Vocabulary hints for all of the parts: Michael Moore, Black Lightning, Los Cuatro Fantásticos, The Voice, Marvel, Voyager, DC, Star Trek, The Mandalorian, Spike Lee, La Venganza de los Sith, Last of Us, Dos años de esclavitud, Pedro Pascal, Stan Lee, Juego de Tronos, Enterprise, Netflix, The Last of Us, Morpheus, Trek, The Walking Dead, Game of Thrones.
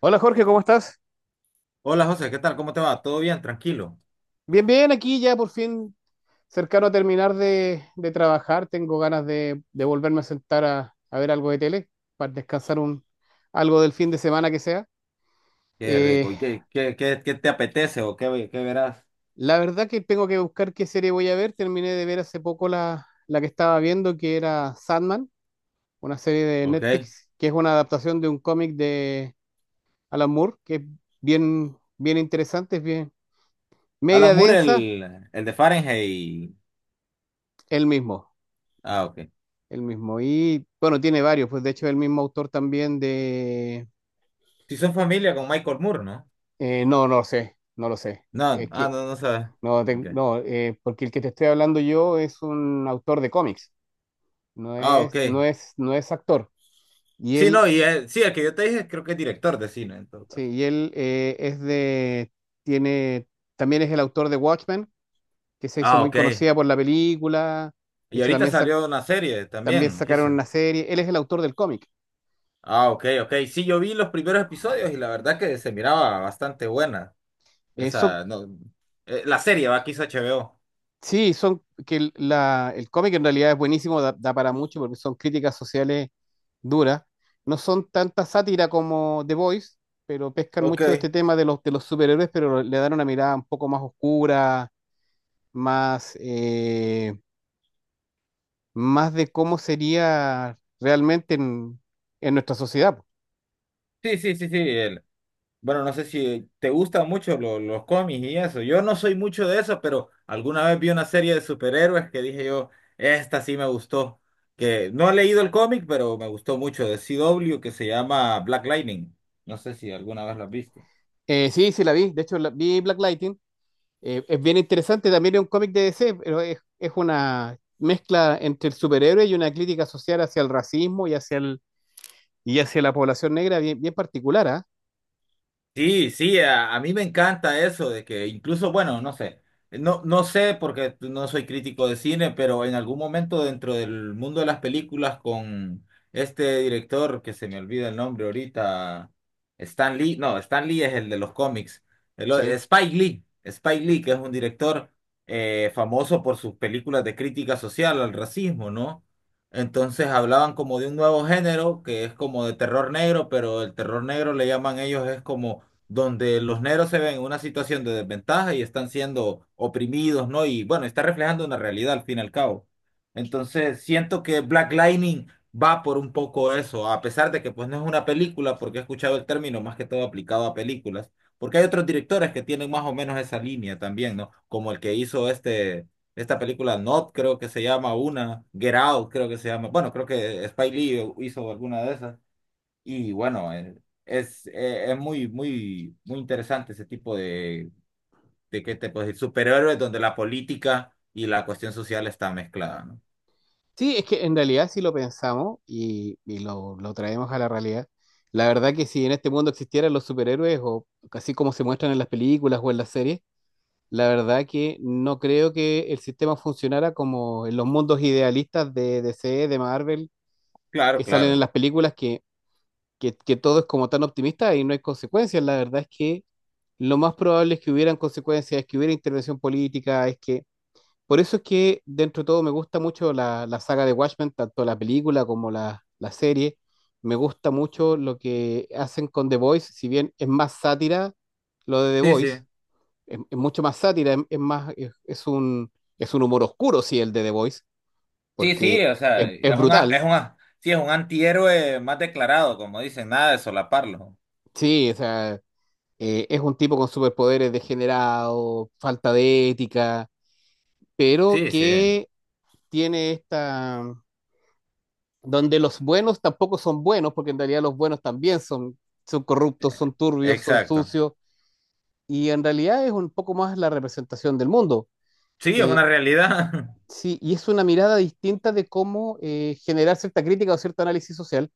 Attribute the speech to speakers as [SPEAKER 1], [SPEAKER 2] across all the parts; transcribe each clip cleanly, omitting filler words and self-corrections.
[SPEAKER 1] Hola Jorge, ¿cómo estás?
[SPEAKER 2] Hola José, ¿qué tal? ¿Cómo te va? ¿Todo bien? Tranquilo.
[SPEAKER 1] Bien, bien, aquí ya por fin cercano a terminar de trabajar. Tengo ganas de volverme a sentar a ver algo de tele para descansar algo del fin de semana que sea.
[SPEAKER 2] Qué
[SPEAKER 1] Eh,
[SPEAKER 2] rico. ¿Y qué te apetece o qué verás?
[SPEAKER 1] la verdad que tengo que buscar qué serie voy a ver. Terminé de ver hace poco la que estaba viendo, que era Sandman, una serie de
[SPEAKER 2] Ok.
[SPEAKER 1] Netflix, que es una adaptación de un cómic de Alan Moore, que es bien, bien interesante, es bien media
[SPEAKER 2] Alan Moore,
[SPEAKER 1] densa,
[SPEAKER 2] el de Fahrenheit.
[SPEAKER 1] el mismo.
[SPEAKER 2] Ah, ok.
[SPEAKER 1] El mismo. Y bueno, tiene varios, pues de hecho el mismo autor también de...
[SPEAKER 2] Si son familia con Michael Moore, ¿no?
[SPEAKER 1] No, no lo sé, no lo sé.
[SPEAKER 2] No,
[SPEAKER 1] Es
[SPEAKER 2] ah,
[SPEAKER 1] que,
[SPEAKER 2] no, no sabes.
[SPEAKER 1] no,
[SPEAKER 2] Ok.
[SPEAKER 1] porque el que te estoy hablando yo es un autor de cómics, no
[SPEAKER 2] Ah, ok.
[SPEAKER 1] es, no es, no es actor. Y
[SPEAKER 2] Sí,
[SPEAKER 1] él,
[SPEAKER 2] no, y sí, el que yo te dije creo que es director de cine en todo caso.
[SPEAKER 1] sí, y él es de, tiene, también es el autor de Watchmen, que se hizo
[SPEAKER 2] Ah,
[SPEAKER 1] muy
[SPEAKER 2] ok.
[SPEAKER 1] conocida por la película. De
[SPEAKER 2] Y
[SPEAKER 1] hecho,
[SPEAKER 2] ahorita
[SPEAKER 1] también,
[SPEAKER 2] salió una serie
[SPEAKER 1] también
[SPEAKER 2] también,
[SPEAKER 1] sacaron
[SPEAKER 2] quizá.
[SPEAKER 1] una serie. Él es el autor del cómic.
[SPEAKER 2] Ah, ok, ok. Sí, yo vi los primeros episodios y la verdad que se miraba bastante buena.
[SPEAKER 1] Son
[SPEAKER 2] Esa, no, la serie va, quiso H B O.
[SPEAKER 1] Sí, son que el cómic en realidad es buenísimo, da, da para mucho porque son críticas sociales duras. No son tanta sátira como The Voice, pero pescan mucho de este
[SPEAKER 2] Ok.
[SPEAKER 1] tema de de los superhéroes, pero le dan una mirada un poco más oscura, más, más de cómo sería realmente en nuestra sociedad. Po.
[SPEAKER 2] Sí, sí, sí, sí. Bueno, no sé si te gustan mucho los cómics y eso. Yo no soy mucho de eso, pero alguna vez vi una serie de superhéroes que dije yo, esta sí me gustó. Que no he leído el cómic, pero me gustó mucho de CW que se llama Black Lightning. No sé si alguna vez lo has visto.
[SPEAKER 1] Sí, sí, la vi. De hecho, vi Black. Es bien interesante, también es un cómic de DC, pero es una mezcla entre el superhéroe y una crítica social hacia el racismo y hacia, el, y hacia la población negra bien, bien particular, ¿ah?
[SPEAKER 2] Sí, sí, a mí me encanta eso de que incluso, bueno, no sé, no sé porque no soy crítico de cine, pero en algún momento dentro del mundo de las películas con este director que se me olvida el nombre ahorita, Stan Lee, no, Stan Lee es el de los cómics,
[SPEAKER 1] Sí.
[SPEAKER 2] Spike Lee, que es un director famoso por sus películas de crítica social al racismo, ¿no? Entonces hablaban como de un nuevo género que es como de terror negro, pero el terror negro le llaman ellos es como donde los negros se ven en una situación de desventaja y están siendo oprimidos, ¿no? Y bueno, está reflejando una realidad al fin y al cabo. Entonces, siento que Black Lightning va por un poco eso, a pesar de que pues no es una película, porque he escuchado el término más que todo aplicado a películas, porque hay otros directores que tienen más o menos esa línea también, ¿no? Como el que hizo este, esta película Not, creo que se llama una, Get Out, creo que se llama, bueno, creo que Spike Lee hizo alguna de esas. Y bueno, es muy, muy, muy interesante ese tipo de ¿qué te puedo decir? Superhéroes donde la política y la cuestión social está mezclada, ¿no?
[SPEAKER 1] Sí, es que en realidad si lo pensamos y lo traemos a la realidad, la verdad que si en este mundo existieran los superhéroes o así como se muestran en las películas o en las series, la verdad que no creo que el sistema funcionara como en los mundos idealistas de DC, de Marvel,
[SPEAKER 2] Claro,
[SPEAKER 1] que salen
[SPEAKER 2] claro.
[SPEAKER 1] en las películas, que todo es como tan optimista y no hay consecuencias. La verdad es que lo más probable es que hubieran consecuencias, es que hubiera intervención política, es que... Por eso es que dentro de todo me gusta mucho la saga de Watchmen, tanto la película como la serie. Me gusta mucho lo que hacen con The Voice, si bien es más sátira lo de The
[SPEAKER 2] Sí, sí.
[SPEAKER 1] Voice, es mucho más sátira, es más, es un humor oscuro, sí, el de The Voice,
[SPEAKER 2] Sí,
[SPEAKER 1] porque
[SPEAKER 2] sí, o sea,
[SPEAKER 1] es brutal,
[SPEAKER 2] es un antihéroe más declarado, como dicen, nada de solaparlo.
[SPEAKER 1] sí, o sea, es un tipo con superpoderes degenerado, falta de ética, pero
[SPEAKER 2] Sí, sí.
[SPEAKER 1] que tiene esta... donde los buenos tampoco son buenos, porque en realidad los buenos también son, son corruptos, son turbios, son
[SPEAKER 2] Exacto.
[SPEAKER 1] sucios, y en realidad es un poco más la representación del mundo.
[SPEAKER 2] Sí, es
[SPEAKER 1] Eh,
[SPEAKER 2] una realidad.
[SPEAKER 1] sí, y es una mirada distinta de cómo generar cierta crítica o cierto análisis social,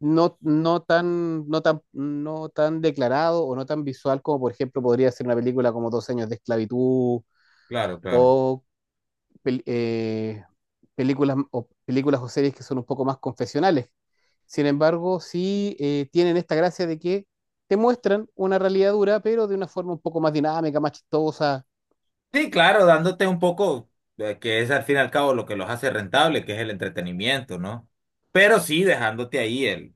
[SPEAKER 1] no, no tan, no tan, no tan declarado o no tan visual como, por ejemplo, podría ser una película como Dos años de esclavitud
[SPEAKER 2] Claro, claro.
[SPEAKER 1] o pel- eh, películas o películas o series que son un poco más confesionales. Sin embargo, sí tienen esta gracia de que te muestran una realidad dura, pero de una forma un poco más dinámica, más chistosa.
[SPEAKER 2] Sí, claro, dándote un poco, que es al fin y al cabo lo que los hace rentable, que es el entretenimiento, ¿no? Pero sí dejándote ahí el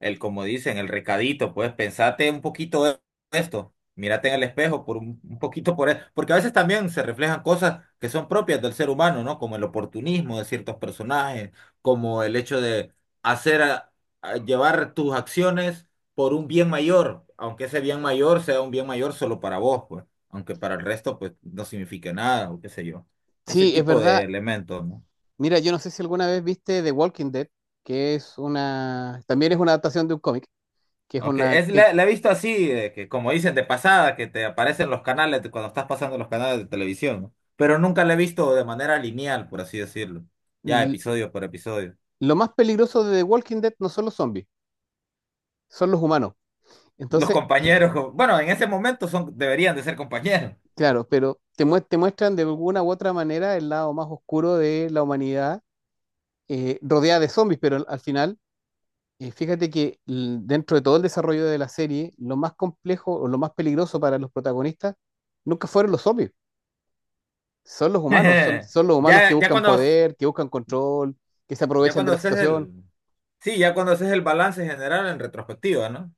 [SPEAKER 2] el, como dicen, el recadito, pues pensate un poquito de esto, mírate en el espejo por un poquito por eso, porque a veces también se reflejan cosas que son propias del ser humano, ¿no? Como el oportunismo de ciertos personajes, como el hecho de hacer, a llevar tus acciones por un bien mayor, aunque ese bien mayor sea un bien mayor solo para vos, pues, aunque para el resto, pues, no signifique nada, o qué sé yo. Ese
[SPEAKER 1] Sí, es
[SPEAKER 2] tipo de
[SPEAKER 1] verdad.
[SPEAKER 2] elementos, ¿no?
[SPEAKER 1] Mira, yo no sé si alguna vez viste The Walking Dead, que es una, también es una adaptación de un cómic, que es
[SPEAKER 2] Ok,
[SPEAKER 1] una, que
[SPEAKER 2] la he visto así, de que como dicen de pasada, que te aparecen los canales cuando estás pasando los canales de televisión, ¿no? Pero nunca la he visto de manera lineal, por así decirlo. Ya
[SPEAKER 1] l-
[SPEAKER 2] episodio por episodio.
[SPEAKER 1] lo más peligroso de The Walking Dead no son los zombies, son los humanos.
[SPEAKER 2] Los
[SPEAKER 1] Entonces,
[SPEAKER 2] compañeros, como- bueno, en ese momento son, deberían de ser compañeros.
[SPEAKER 1] claro, pero te muestran de alguna u otra manera el lado más oscuro de la humanidad rodeada de zombies, pero al al final, fíjate que dentro de todo el desarrollo de la serie, lo más complejo o lo más peligroso para los protagonistas nunca fueron los zombies, son los humanos, son, son los humanos que
[SPEAKER 2] Ya, ya
[SPEAKER 1] buscan
[SPEAKER 2] cuando,
[SPEAKER 1] poder, que buscan control, que se
[SPEAKER 2] ya
[SPEAKER 1] aprovechan de
[SPEAKER 2] cuando
[SPEAKER 1] la situación.
[SPEAKER 2] haces el balance general en retrospectiva, ¿no?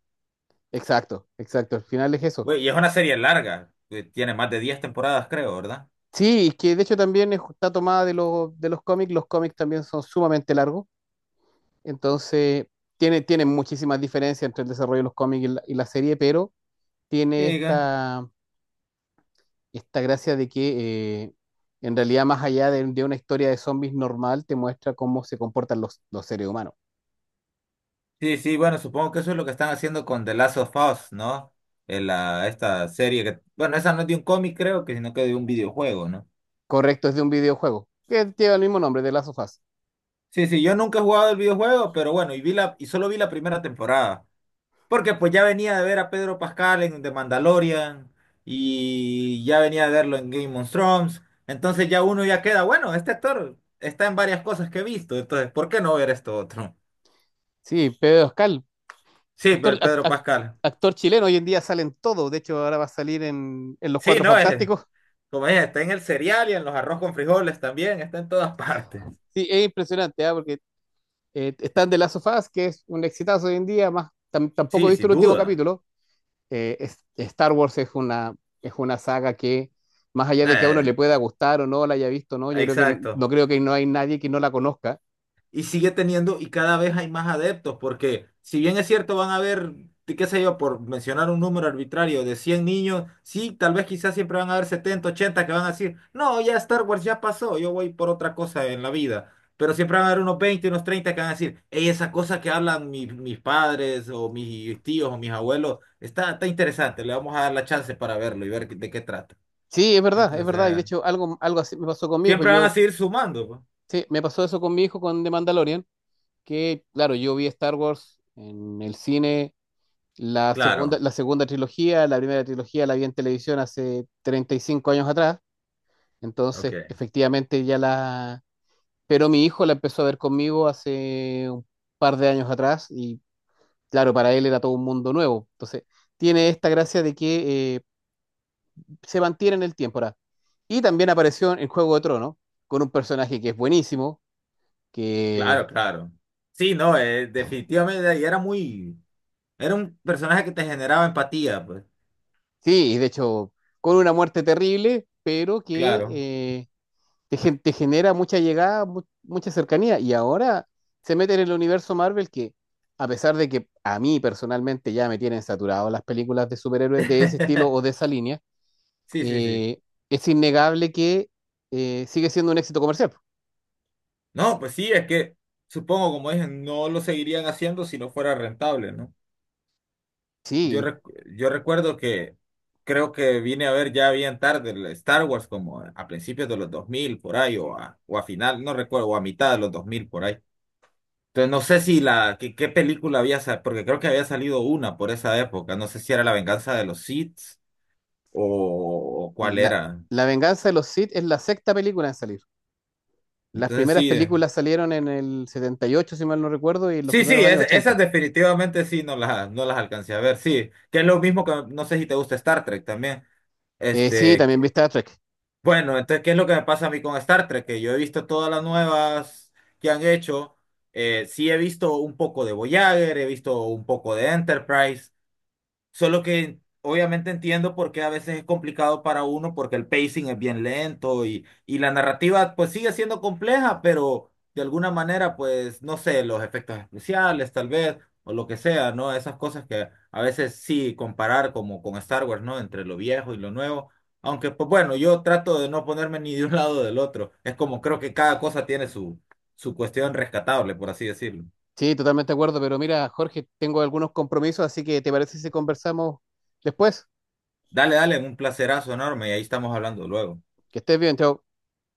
[SPEAKER 1] Exacto, exacto, al final es eso.
[SPEAKER 2] Güey, y es una serie larga, que tiene más de 10 temporadas, creo, ¿verdad?
[SPEAKER 1] Sí, y que de hecho también está tomada de de los cómics también son sumamente largos. Entonces, tiene, tiene muchísimas diferencias entre el desarrollo de los cómics y y la serie, pero tiene
[SPEAKER 2] Sí,
[SPEAKER 1] esta, esta gracia de que en realidad, más allá de una historia de zombies normal, te muestra cómo se comportan los seres humanos.
[SPEAKER 2] sí, sí, bueno, supongo que eso es lo que están haciendo con The Last of Us, ¿no? En esta serie que, bueno, esa no es de un cómic, creo que, sino que de un videojuego, ¿no?
[SPEAKER 1] Correcto, es de un videojuego que lleva el mismo nombre, de Last of Us.
[SPEAKER 2] Sí, sí, yo nunca he jugado el videojuego, pero bueno, y solo vi la primera temporada. Porque pues ya venía de ver a Pedro Pascal en The Mandalorian, y ya venía de verlo en Game of Thrones. Entonces ya uno ya queda, bueno, este actor está en varias cosas que he visto, entonces, ¿por qué no ver esto otro?
[SPEAKER 1] Sí, Pedro Pascal,
[SPEAKER 2] Sí,
[SPEAKER 1] actor,
[SPEAKER 2] pero
[SPEAKER 1] ac-
[SPEAKER 2] Pedro
[SPEAKER 1] ac-
[SPEAKER 2] Pascal.
[SPEAKER 1] actor chileno, hoy en día salen todos, de hecho ahora va a salir en Los
[SPEAKER 2] Sí,
[SPEAKER 1] Cuatro
[SPEAKER 2] no es.
[SPEAKER 1] Fantásticos.
[SPEAKER 2] Como es, está en el cereal y en los arroz con frijoles también, está en todas partes.
[SPEAKER 1] Sí, es impresionante, ¿ah? Porque están de Last of Us, que es un exitazo hoy en día, más tampoco
[SPEAKER 2] Sí,
[SPEAKER 1] he visto
[SPEAKER 2] sin
[SPEAKER 1] el último
[SPEAKER 2] duda.
[SPEAKER 1] capítulo, Star Wars es una saga que, más allá de que a uno
[SPEAKER 2] Eh,
[SPEAKER 1] le pueda gustar o no, la haya visto o no, yo creo que
[SPEAKER 2] exacto.
[SPEAKER 1] no creo que no hay nadie que no la conozca.
[SPEAKER 2] Y sigue teniendo y cada vez hay más adeptos, porque si bien es cierto, van a haber, de qué sé yo, por mencionar un número arbitrario de 100 niños, sí, tal vez quizás siempre van a haber 70 80 que van a decir, no, ya Star Wars ya pasó, yo voy por otra cosa en la vida. Pero siempre van a haber unos 20 unos 30 que van a decir, hey, esa cosa que hablan mis, mis padres o mis tíos o mis abuelos, está, está interesante, le vamos a dar la chance para verlo y ver de qué trata.
[SPEAKER 1] Sí, es verdad, es
[SPEAKER 2] Entonces,
[SPEAKER 1] verdad. Y de hecho, algo, algo así me pasó con mi hijo.
[SPEAKER 2] siempre van a
[SPEAKER 1] Yo,
[SPEAKER 2] seguir sumando, pues.
[SPEAKER 1] sí, me pasó eso con mi hijo con The Mandalorian, que, claro, yo vi Star Wars en el cine,
[SPEAKER 2] Claro,
[SPEAKER 1] la segunda trilogía, la primera trilogía la vi en televisión hace 35 años atrás.
[SPEAKER 2] ok.
[SPEAKER 1] Entonces, efectivamente, ya la... Pero mi hijo la empezó a ver conmigo hace un par de años atrás y claro, para él era todo un mundo nuevo. Entonces, tiene esta gracia de que se mantiene en el tiempo. Ahora. Y también apareció en Juego de Tronos, con un personaje que es buenísimo,
[SPEAKER 2] Claro,
[SPEAKER 1] que
[SPEAKER 2] claro. Sí, no, definitivamente y era muy, era un personaje que te generaba empatía, pues.
[SPEAKER 1] sí, y de hecho, con una muerte terrible, pero que
[SPEAKER 2] Claro.
[SPEAKER 1] te genera mucha llegada, mucha cercanía. Y ahora se mete en el universo Marvel que, a pesar de que a mí personalmente ya me tienen saturado las películas de superhéroes de ese estilo o de esa línea,
[SPEAKER 2] Sí, sí, sí.
[SPEAKER 1] eh, es innegable que sigue siendo un éxito comercial.
[SPEAKER 2] No, pues sí, es que supongo, como dije, no lo seguirían haciendo si no fuera rentable, ¿no? Yo,
[SPEAKER 1] Sí,
[SPEAKER 2] recu- yo recuerdo que creo que vine a ver ya bien tarde el Star Wars como a principios de los 2000 por ahí o o a final, no recuerdo, o a mitad de los 2000 por ahí. Entonces, no sé si qué película había, porque creo que había salido una por esa época. No sé si era La Venganza de los Sith o cuál
[SPEAKER 1] la,
[SPEAKER 2] era.
[SPEAKER 1] la venganza de los Sith es la sexta película en salir. Las
[SPEAKER 2] Entonces,
[SPEAKER 1] primeras
[SPEAKER 2] sí.
[SPEAKER 1] películas salieron en el 78 si mal no recuerdo, y en los
[SPEAKER 2] Sí,
[SPEAKER 1] primeros
[SPEAKER 2] sí,
[SPEAKER 1] años
[SPEAKER 2] esas
[SPEAKER 1] 80.
[SPEAKER 2] definitivamente sí no las alcancé a ver. Sí, que es lo mismo que, no sé si te gusta Star Trek también.
[SPEAKER 1] Sí,
[SPEAKER 2] Este,
[SPEAKER 1] también viste a Trek.
[SPEAKER 2] bueno, entonces, ¿qué es lo que me pasa a mí con Star Trek? Que yo he visto todas las nuevas que han hecho. Sí he visto un poco de Voyager, he visto un poco de Enterprise. Solo que obviamente entiendo por qué a veces es complicado para uno, porque el pacing es bien lento y la narrativa pues sigue siendo compleja, pero de alguna manera pues no sé, los efectos especiales tal vez o lo que sea, ¿no? Esas cosas que a veces sí comparar como con Star Wars, ¿no? Entre lo viejo y lo nuevo. Aunque pues bueno, yo trato de no ponerme ni de un lado o del otro. Es como creo que cada cosa tiene su cuestión rescatable, por así decirlo.
[SPEAKER 1] Sí, totalmente de acuerdo, pero mira, Jorge, tengo algunos compromisos, así que ¿te parece si conversamos después?
[SPEAKER 2] Dale, dale, un placerazo enorme y ahí estamos hablando luego.
[SPEAKER 1] Que estés bien, chao.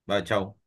[SPEAKER 2] Bye, chao.